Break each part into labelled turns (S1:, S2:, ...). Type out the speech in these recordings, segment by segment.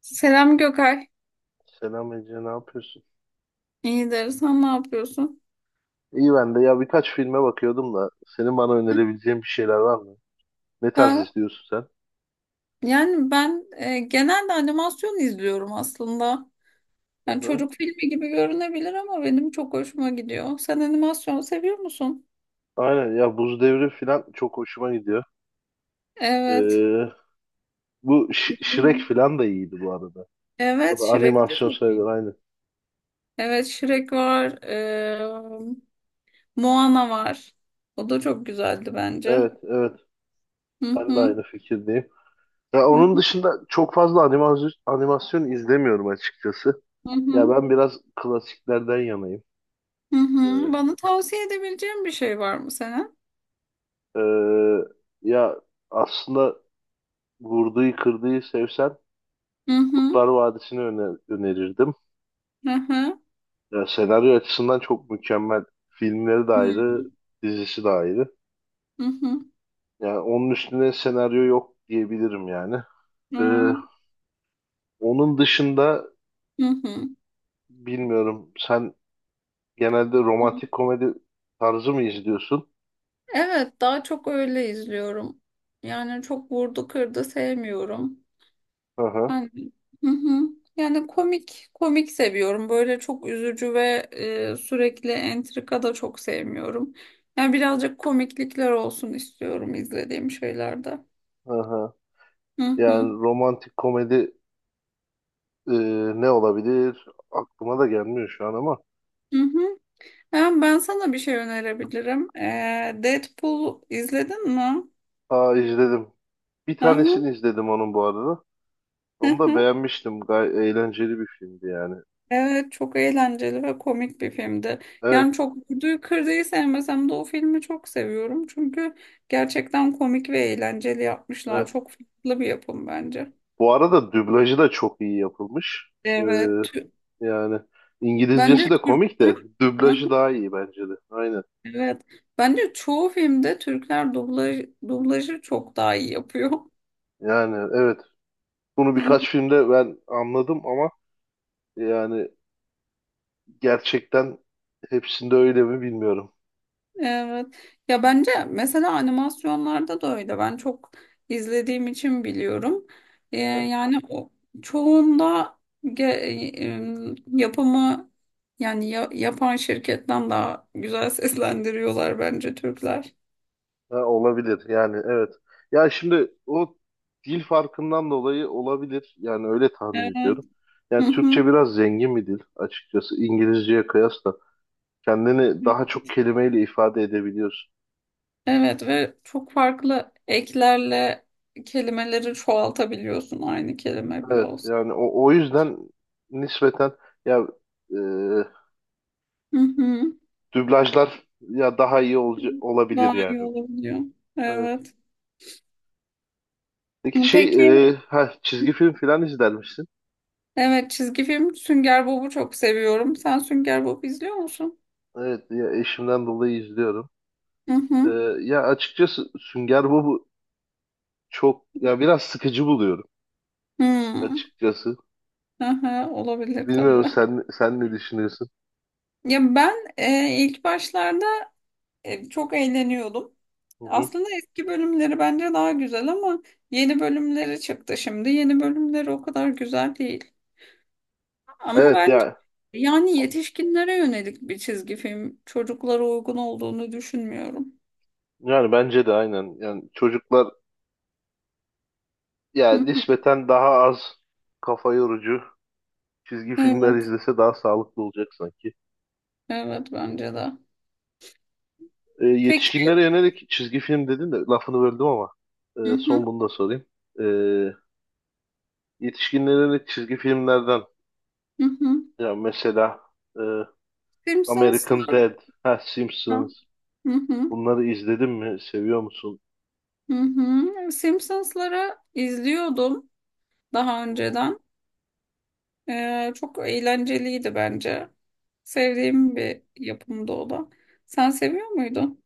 S1: Selam Gökay.
S2: Selam Ece, ne yapıyorsun?
S1: İyidir. Sen ne yapıyorsun?
S2: İyi ben de ya birkaç filme bakıyordum da senin bana önerebileceğin bir şeyler var mı? Ne tarz
S1: Ha,
S2: izliyorsun sen?
S1: yani ben genelde animasyon izliyorum aslında. Yani
S2: Hı-hı.
S1: çocuk filmi gibi görünebilir ama benim çok hoşuma gidiyor. Sen animasyon seviyor musun?
S2: Aynen ya Buz Devri falan çok hoşuma gidiyor.
S1: Evet.
S2: Ee, Bu Shrek
S1: Bilmiyorum.
S2: falan da iyiydi bu arada. O
S1: Evet,
S2: da
S1: Shrek
S2: animasyon
S1: çok
S2: sayılır
S1: iyi.
S2: aynı.
S1: Evet, Shrek var. Moana var. O da çok güzeldi bence.
S2: Evet evet,
S1: Hı
S2: ben de
S1: hı.
S2: aynı fikirdeyim. Ya
S1: Hı
S2: onun
S1: hı.
S2: dışında çok fazla animasyon izlemiyorum açıkçası.
S1: Hı
S2: Ya
S1: hı.
S2: ben biraz klasiklerden yanayım.
S1: Hı hı.
S2: Ee,
S1: Bana tavsiye edebileceğin bir şey var mı senin?
S2: ee, Ya aslında vurduğu kırdığı sevsen
S1: Hı hı.
S2: Kurtlar Vadisi'ni önerirdim.
S1: Hı hı.
S2: Ya senaryo açısından çok mükemmel. Filmleri de
S1: Hı.
S2: ayrı, dizisi de ayrı.
S1: Hı hı.
S2: Yani onun üstüne senaryo yok diyebilirim yani.
S1: Hı
S2: Ee, Onun dışında
S1: hı. Hı.
S2: bilmiyorum. Sen genelde romantik komedi tarzı mı izliyorsun?
S1: Evet, daha çok öyle izliyorum. Yani çok vurdu kırdı sevmiyorum.
S2: Hı hı,
S1: Yani, hı hı. Yani komik komik seviyorum. Böyle çok üzücü ve sürekli entrika da çok sevmiyorum. Yani birazcık komiklikler olsun istiyorum izlediğim şeylerde.
S2: hı hı.
S1: Hı hı.
S2: Yani romantik komedi, e, ne olabilir? Aklıma da gelmiyor şu an ama.
S1: Hı hı. Ben sana bir şey önerebilirim. Deadpool izledin mi?
S2: Aa, izledim. Bir
S1: Hı hı.
S2: tanesini izledim onun bu arada. Onu da beğenmiştim. Gay eğlenceli bir filmdi yani.
S1: Evet, çok eğlenceli ve komik bir filmdi.
S2: Evet,
S1: Yani çok Vurdu'yu Kırdı'yı sevmesem de o filmi çok seviyorum. Çünkü gerçekten komik ve eğlenceli yapmışlar.
S2: evet.
S1: Çok farklı bir yapım bence.
S2: Bu arada dublajı da çok iyi yapılmış. Ee,
S1: Evet.
S2: Yani İngilizcesi
S1: Bence
S2: de komik
S1: Türkler.
S2: de
S1: Hı, hı.
S2: dublajı daha iyi bence de. Aynen.
S1: Evet. Bence çoğu filmde Türkler dublajı çok daha iyi yapıyor.
S2: Yani evet. Bunu
S1: Hı.
S2: birkaç filmde ben anladım ama yani gerçekten hepsinde öyle mi bilmiyorum.
S1: Evet. Ya bence mesela animasyonlarda da öyle. Ben çok izlediğim için biliyorum.
S2: Aha.
S1: Yani o çoğunda yapımı yani yapan şirketten daha güzel seslendiriyorlar bence Türkler.
S2: Ha, olabilir yani evet. Ya şimdi o dil farkından dolayı olabilir. Yani öyle tahmin ediyorum.
S1: Evet.
S2: Yani
S1: Hı hı.
S2: Türkçe biraz zengin bir dil açıkçası İngilizceye kıyasla. Kendini daha çok kelimeyle ifade edebiliyorsun.
S1: Evet ve çok farklı eklerle kelimeleri çoğaltabiliyorsun aynı kelime bile
S2: Evet
S1: olsun.
S2: yani o yüzden nispeten ya e,
S1: Hı hı.
S2: dublajlar ya daha iyi olabilir
S1: Daha iyi
S2: yani.
S1: olabiliyor.
S2: Evet.
S1: Evet.
S2: Peki şey,
S1: Peki.
S2: çizgi film filan izler misin?
S1: Evet, çizgi film Sünger Bob'u çok seviyorum. Sen Sünger Bob izliyor musun?
S2: Evet ya eşimden dolayı izliyorum.
S1: Hı
S2: E,
S1: hı.
S2: Ya açıkçası Sünger Bob çok ya biraz sıkıcı buluyorum
S1: Hmm.
S2: açıkçası.
S1: Aha, olabilir
S2: Bilmiyorum,
S1: tabii.
S2: sen ne düşünüyorsun?
S1: Ya ben ilk başlarda çok eğleniyordum.
S2: Hı hı.
S1: Aslında eski bölümleri bence daha güzel ama yeni bölümleri çıktı şimdi. Yeni bölümleri o kadar güzel değil. Ama
S2: Evet
S1: bence
S2: ya
S1: yani yetişkinlere yönelik bir çizgi film çocuklara uygun olduğunu düşünmüyorum.
S2: yani bence de aynen. Yani çocuklar
S1: Hı
S2: yani
S1: hı.
S2: nispeten daha az kafa yorucu çizgi filmler
S1: Evet,
S2: izlese daha sağlıklı olacak sanki.
S1: evet bence de.
S2: E,
S1: Peki.
S2: yetişkinlere yönelik çizgi film dedin de lafını böldüm ama
S1: Hı
S2: son
S1: hı,
S2: bunu da sorayım. E, Yetişkinlere yönelik çizgi filmlerden
S1: hı hı.
S2: ya mesela, e, American
S1: Simpsons'lara
S2: Dad, ha, Simpsons,
S1: hı hı,
S2: bunları izledin mi? Seviyor musun?
S1: hı hı. Simpsons'ları izliyordum daha
S2: Hı hı.
S1: önceden. Çok eğlenceliydi bence. Sevdiğim bir yapımdı o da. Sen seviyor muydun?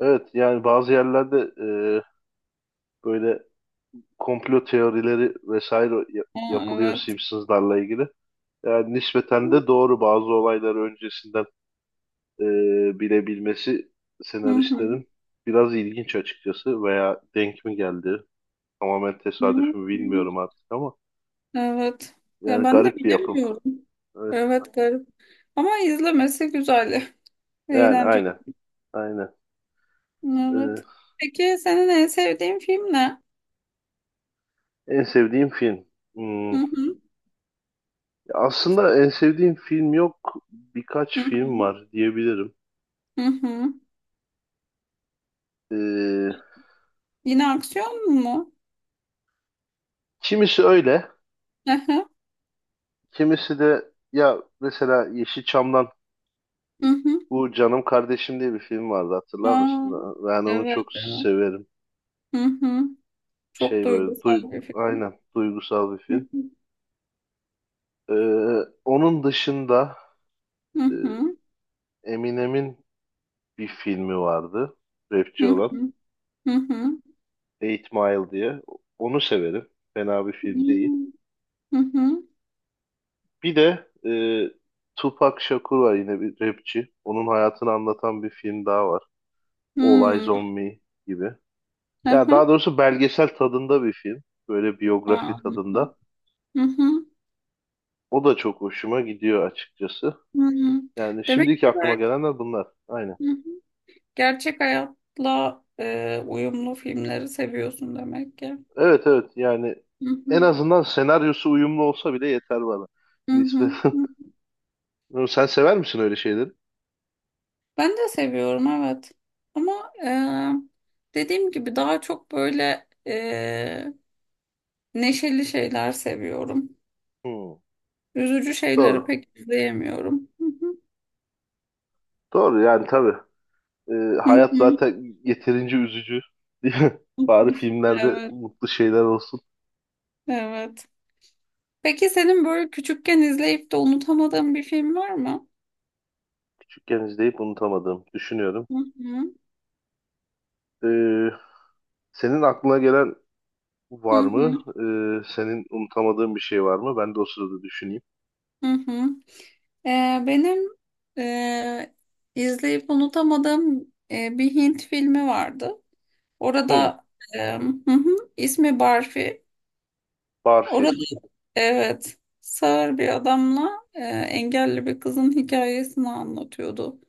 S2: Evet yani bazı yerlerde, e, böyle komplo teorileri vesaire
S1: Aa,
S2: yapılıyor
S1: evet.
S2: Simpsons'larla ilgili. Yani nispeten de doğru bazı olayları öncesinden, e, bilebilmesi
S1: Hı hı.
S2: senaristlerin biraz ilginç açıkçası, veya denk mi geldi tamamen tesadüf
S1: Evet.
S2: mü bilmiyorum artık ama
S1: Evet. Ya
S2: yani
S1: ben de
S2: garip bir yapım.
S1: bilemiyorum.
S2: Evet,
S1: Evet, garip. Ama izlemesi güzel.
S2: yani
S1: Eğlenceli.
S2: aynen.
S1: Evet.
S2: E,
S1: Peki senin en sevdiğin film ne?
S2: en sevdiğim film.
S1: Hı
S2: Hmm,
S1: hı.
S2: aslında en sevdiğim film yok, birkaç
S1: Hı
S2: film
S1: hı.
S2: var diyebilirim.
S1: Hı hı.
S2: E,
S1: Yine aksiyon mu?
S2: kimisi öyle,
S1: Hı hı.
S2: kimisi de ya mesela Yeşilçam'dan
S1: Hı hı.
S2: bu Canım Kardeşim diye bir film vardı, hatırlar
S1: Aa,
S2: mısın? Ben onu çok
S1: evet, evet.
S2: severim.
S1: Hı hı. Çok
S2: Şey böyle
S1: duygusal bir film.
S2: aynen duygusal bir
S1: Hı
S2: film.
S1: hı.
S2: Ee, Onun dışında,
S1: Hı
S2: e,
S1: hı.
S2: Eminem'in bir filmi vardı.
S1: Hı
S2: Rapçi olan,
S1: hı. Hı hı.
S2: Eight Mile diye. Onu severim. Fena bir film değil.
S1: Hmm. Hı hı.
S2: Bir de Tupac Shakur var, yine bir rapçi. Onun hayatını anlatan bir film daha var. All Eyes
S1: Hmm.
S2: on Me gibi.
S1: Hı
S2: Ya
S1: hı.
S2: daha doğrusu belgesel tadında bir film. Böyle biyografi
S1: Aa,
S2: tadında.
S1: anladım. Hı hı.
S2: O da çok hoşuma gidiyor açıkçası.
S1: Hı hı.
S2: Yani
S1: Demek
S2: şimdiki
S1: ki
S2: aklıma
S1: bak,
S2: gelenler bunlar. Aynen.
S1: hı hı, gerçek hayatla uyumlu filmleri seviyorsun demek ki.
S2: Evet evet, yani
S1: Hı hı.
S2: en azından senaryosu uyumlu olsa bile yeter bana.
S1: Hı hı.
S2: Nispeten.
S1: Hı.
S2: Sen sever misin öyle şeyleri?
S1: Ben de seviyorum, evet. Ama dediğim gibi daha çok böyle neşeli şeyler seviyorum.
S2: Hmm,
S1: Üzücü şeyleri
S2: doğru.
S1: pek izleyemiyorum. Hı hı.
S2: Doğru yani tabii. Ee,
S1: Hı hı.
S2: Hayat zaten yeterince üzücü. Değil mi? Bari filmlerde
S1: Evet,
S2: mutlu şeyler olsun.
S1: evet. Peki senin böyle küçükken izleyip de unutamadığın bir film var mı?
S2: Küçükken izleyip unutamadım. Düşünüyorum.
S1: Hı hı,
S2: Ee, Senin aklına gelen
S1: hı
S2: var
S1: hı,
S2: mı? Senin unutamadığın bir şey var mı? Ben de o sırada düşüneyim.
S1: hı hı. Benim e, izleyip unutamadığım bir Hint filmi vardı.
S2: Hmm,
S1: Orada hı hı, ismi Barfi.
S2: Barfi.
S1: Orada evet, sağır bir adamla engelli bir kızın hikayesini anlatıyordu.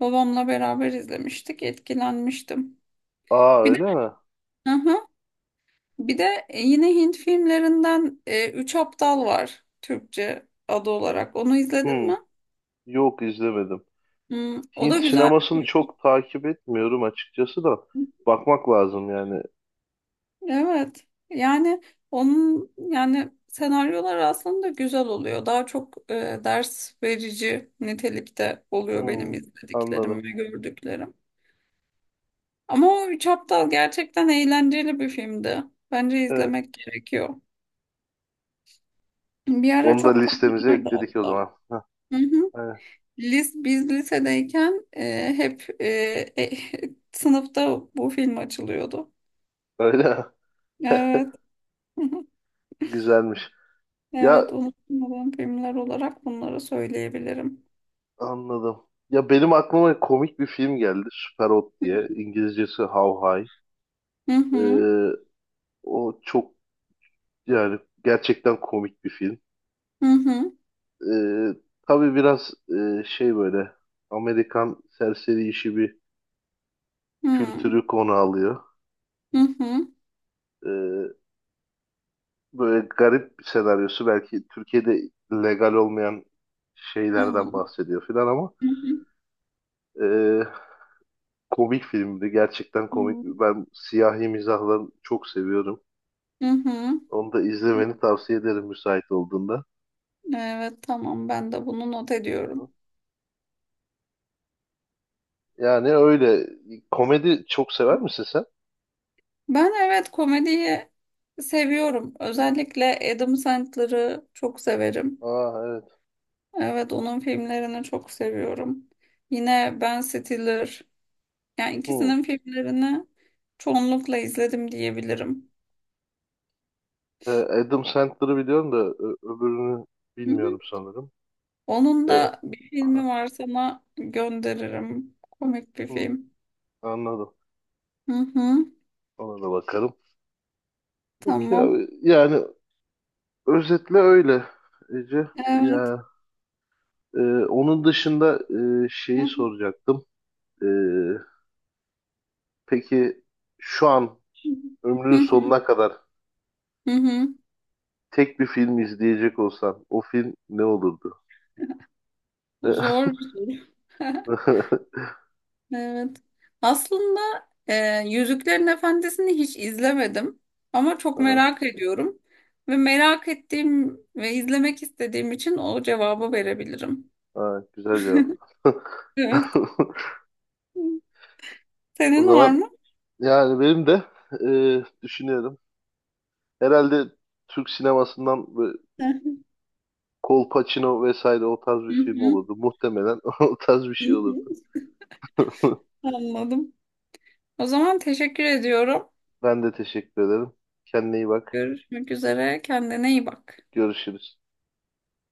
S1: Babamla beraber izlemiştik, etkilenmiştim.
S2: Aa,
S1: Bir de,
S2: öyle mi?
S1: hı hı, bir de yine Hint filmlerinden Üç Aptal var Türkçe adı olarak. Onu izledin
S2: Hmm,
S1: mi?
S2: yok izlemedim.
S1: Hmm, o
S2: Hint
S1: da güzel
S2: sinemasını
S1: bir
S2: çok takip etmiyorum açıkçası da.
S1: film.
S2: Bakmak lazım yani.
S1: Evet. Yani onun yani senaryolar aslında güzel oluyor. Daha çok ders verici nitelikte oluyor benim
S2: Hmm, anladım.
S1: izlediklerim ve gördüklerim. Ama o Üç Aptal gerçekten eğlenceli bir filmdi. Bence
S2: Evet.
S1: izlemek gerekiyor. Bir ara
S2: Onu da
S1: çok
S2: listemize
S1: popülerdi
S2: ekledik o
S1: hatta.
S2: zaman. Heh,
S1: Hı hı.
S2: evet.
S1: Biz lisedeyken e, sınıfta bu film açılıyordu.
S2: Öyle mi?
S1: Evet. Hı hı.
S2: Güzelmiş. Ya
S1: Evet, unutmadığım filmler olarak bunları söyleyebilirim.
S2: anladım. Ya benim aklıma komik bir film geldi. Super Hot diye. İngilizcesi How High.
S1: Hı hı.
S2: Ee, O çok, yani gerçekten komik bir film.
S1: Hı hı.
S2: Ee, tabii biraz, şey böyle Amerikan serseri işi bir
S1: Hı hı.
S2: kültürü konu alıyor.
S1: Hı hı.
S2: Ee, Böyle garip bir senaryosu, belki Türkiye'de legal olmayan
S1: Hı hı.
S2: şeylerden bahsediyor filan ama
S1: Hı
S2: e, komik filmdi. Gerçekten komik.
S1: hı.
S2: Ben siyahi mizahları çok seviyorum.
S1: Hı hı.
S2: Onu da izlemeni tavsiye ederim müsait olduğunda.
S1: Evet, tamam. Ben de bunu not ediyorum.
S2: Yani öyle. Komedi çok sever misin sen?
S1: Ben evet, komediyi seviyorum. Özellikle Adam Sandler'ı çok severim.
S2: Aa evet.
S1: Evet, onun filmlerini çok seviyorum. Yine Ben Stiller. Yani
S2: Hı.
S1: ikisinin filmlerini çoğunlukla izledim diyebilirim.
S2: E, Adam Sandler'ı biliyorum da öbürünü
S1: Hı hı.
S2: bilmiyorum sanırım.
S1: Onun
S2: E,
S1: da bir filmi
S2: ha,
S1: var, sana gönderirim. Komik bir
S2: hı,
S1: film.
S2: Anladım.
S1: Hı hı.
S2: Ona da bakarım. Peki
S1: Tamam.
S2: abi. Yani özetle öyle Ece.
S1: Evet.
S2: Ya, e, onun dışında
S1: Hı
S2: şeyi
S1: hı.
S2: soracaktım. E, peki şu an
S1: Hı
S2: ömrünün
S1: hı.
S2: sonuna kadar
S1: Hı hı.
S2: tek bir film izleyecek olsan o film ne olurdu?
S1: Zor bir soru. Evet. Aslında e, Yüzüklerin Efendisi'ni hiç izlemedim ama çok
S2: Aha,
S1: merak ediyorum ve merak ettiğim ve izlemek istediğim için o cevabı verebilirim.
S2: ha, güzel cevap.
S1: Evet.
S2: O
S1: Senin var
S2: zaman
S1: mı?
S2: yani benim de, düşünüyorum. Herhalde Türk sinemasından böyle Kolpaçino vesaire o tarz bir
S1: Hı
S2: film
S1: hı.
S2: olurdu. Muhtemelen o tarz bir
S1: Hı
S2: şey
S1: hı.
S2: olurdu.
S1: Anladım. O zaman teşekkür ediyorum.
S2: Ben de teşekkür ederim. Kendine iyi bak.
S1: Görüşmek üzere. Kendine iyi bak.
S2: Görüşürüz.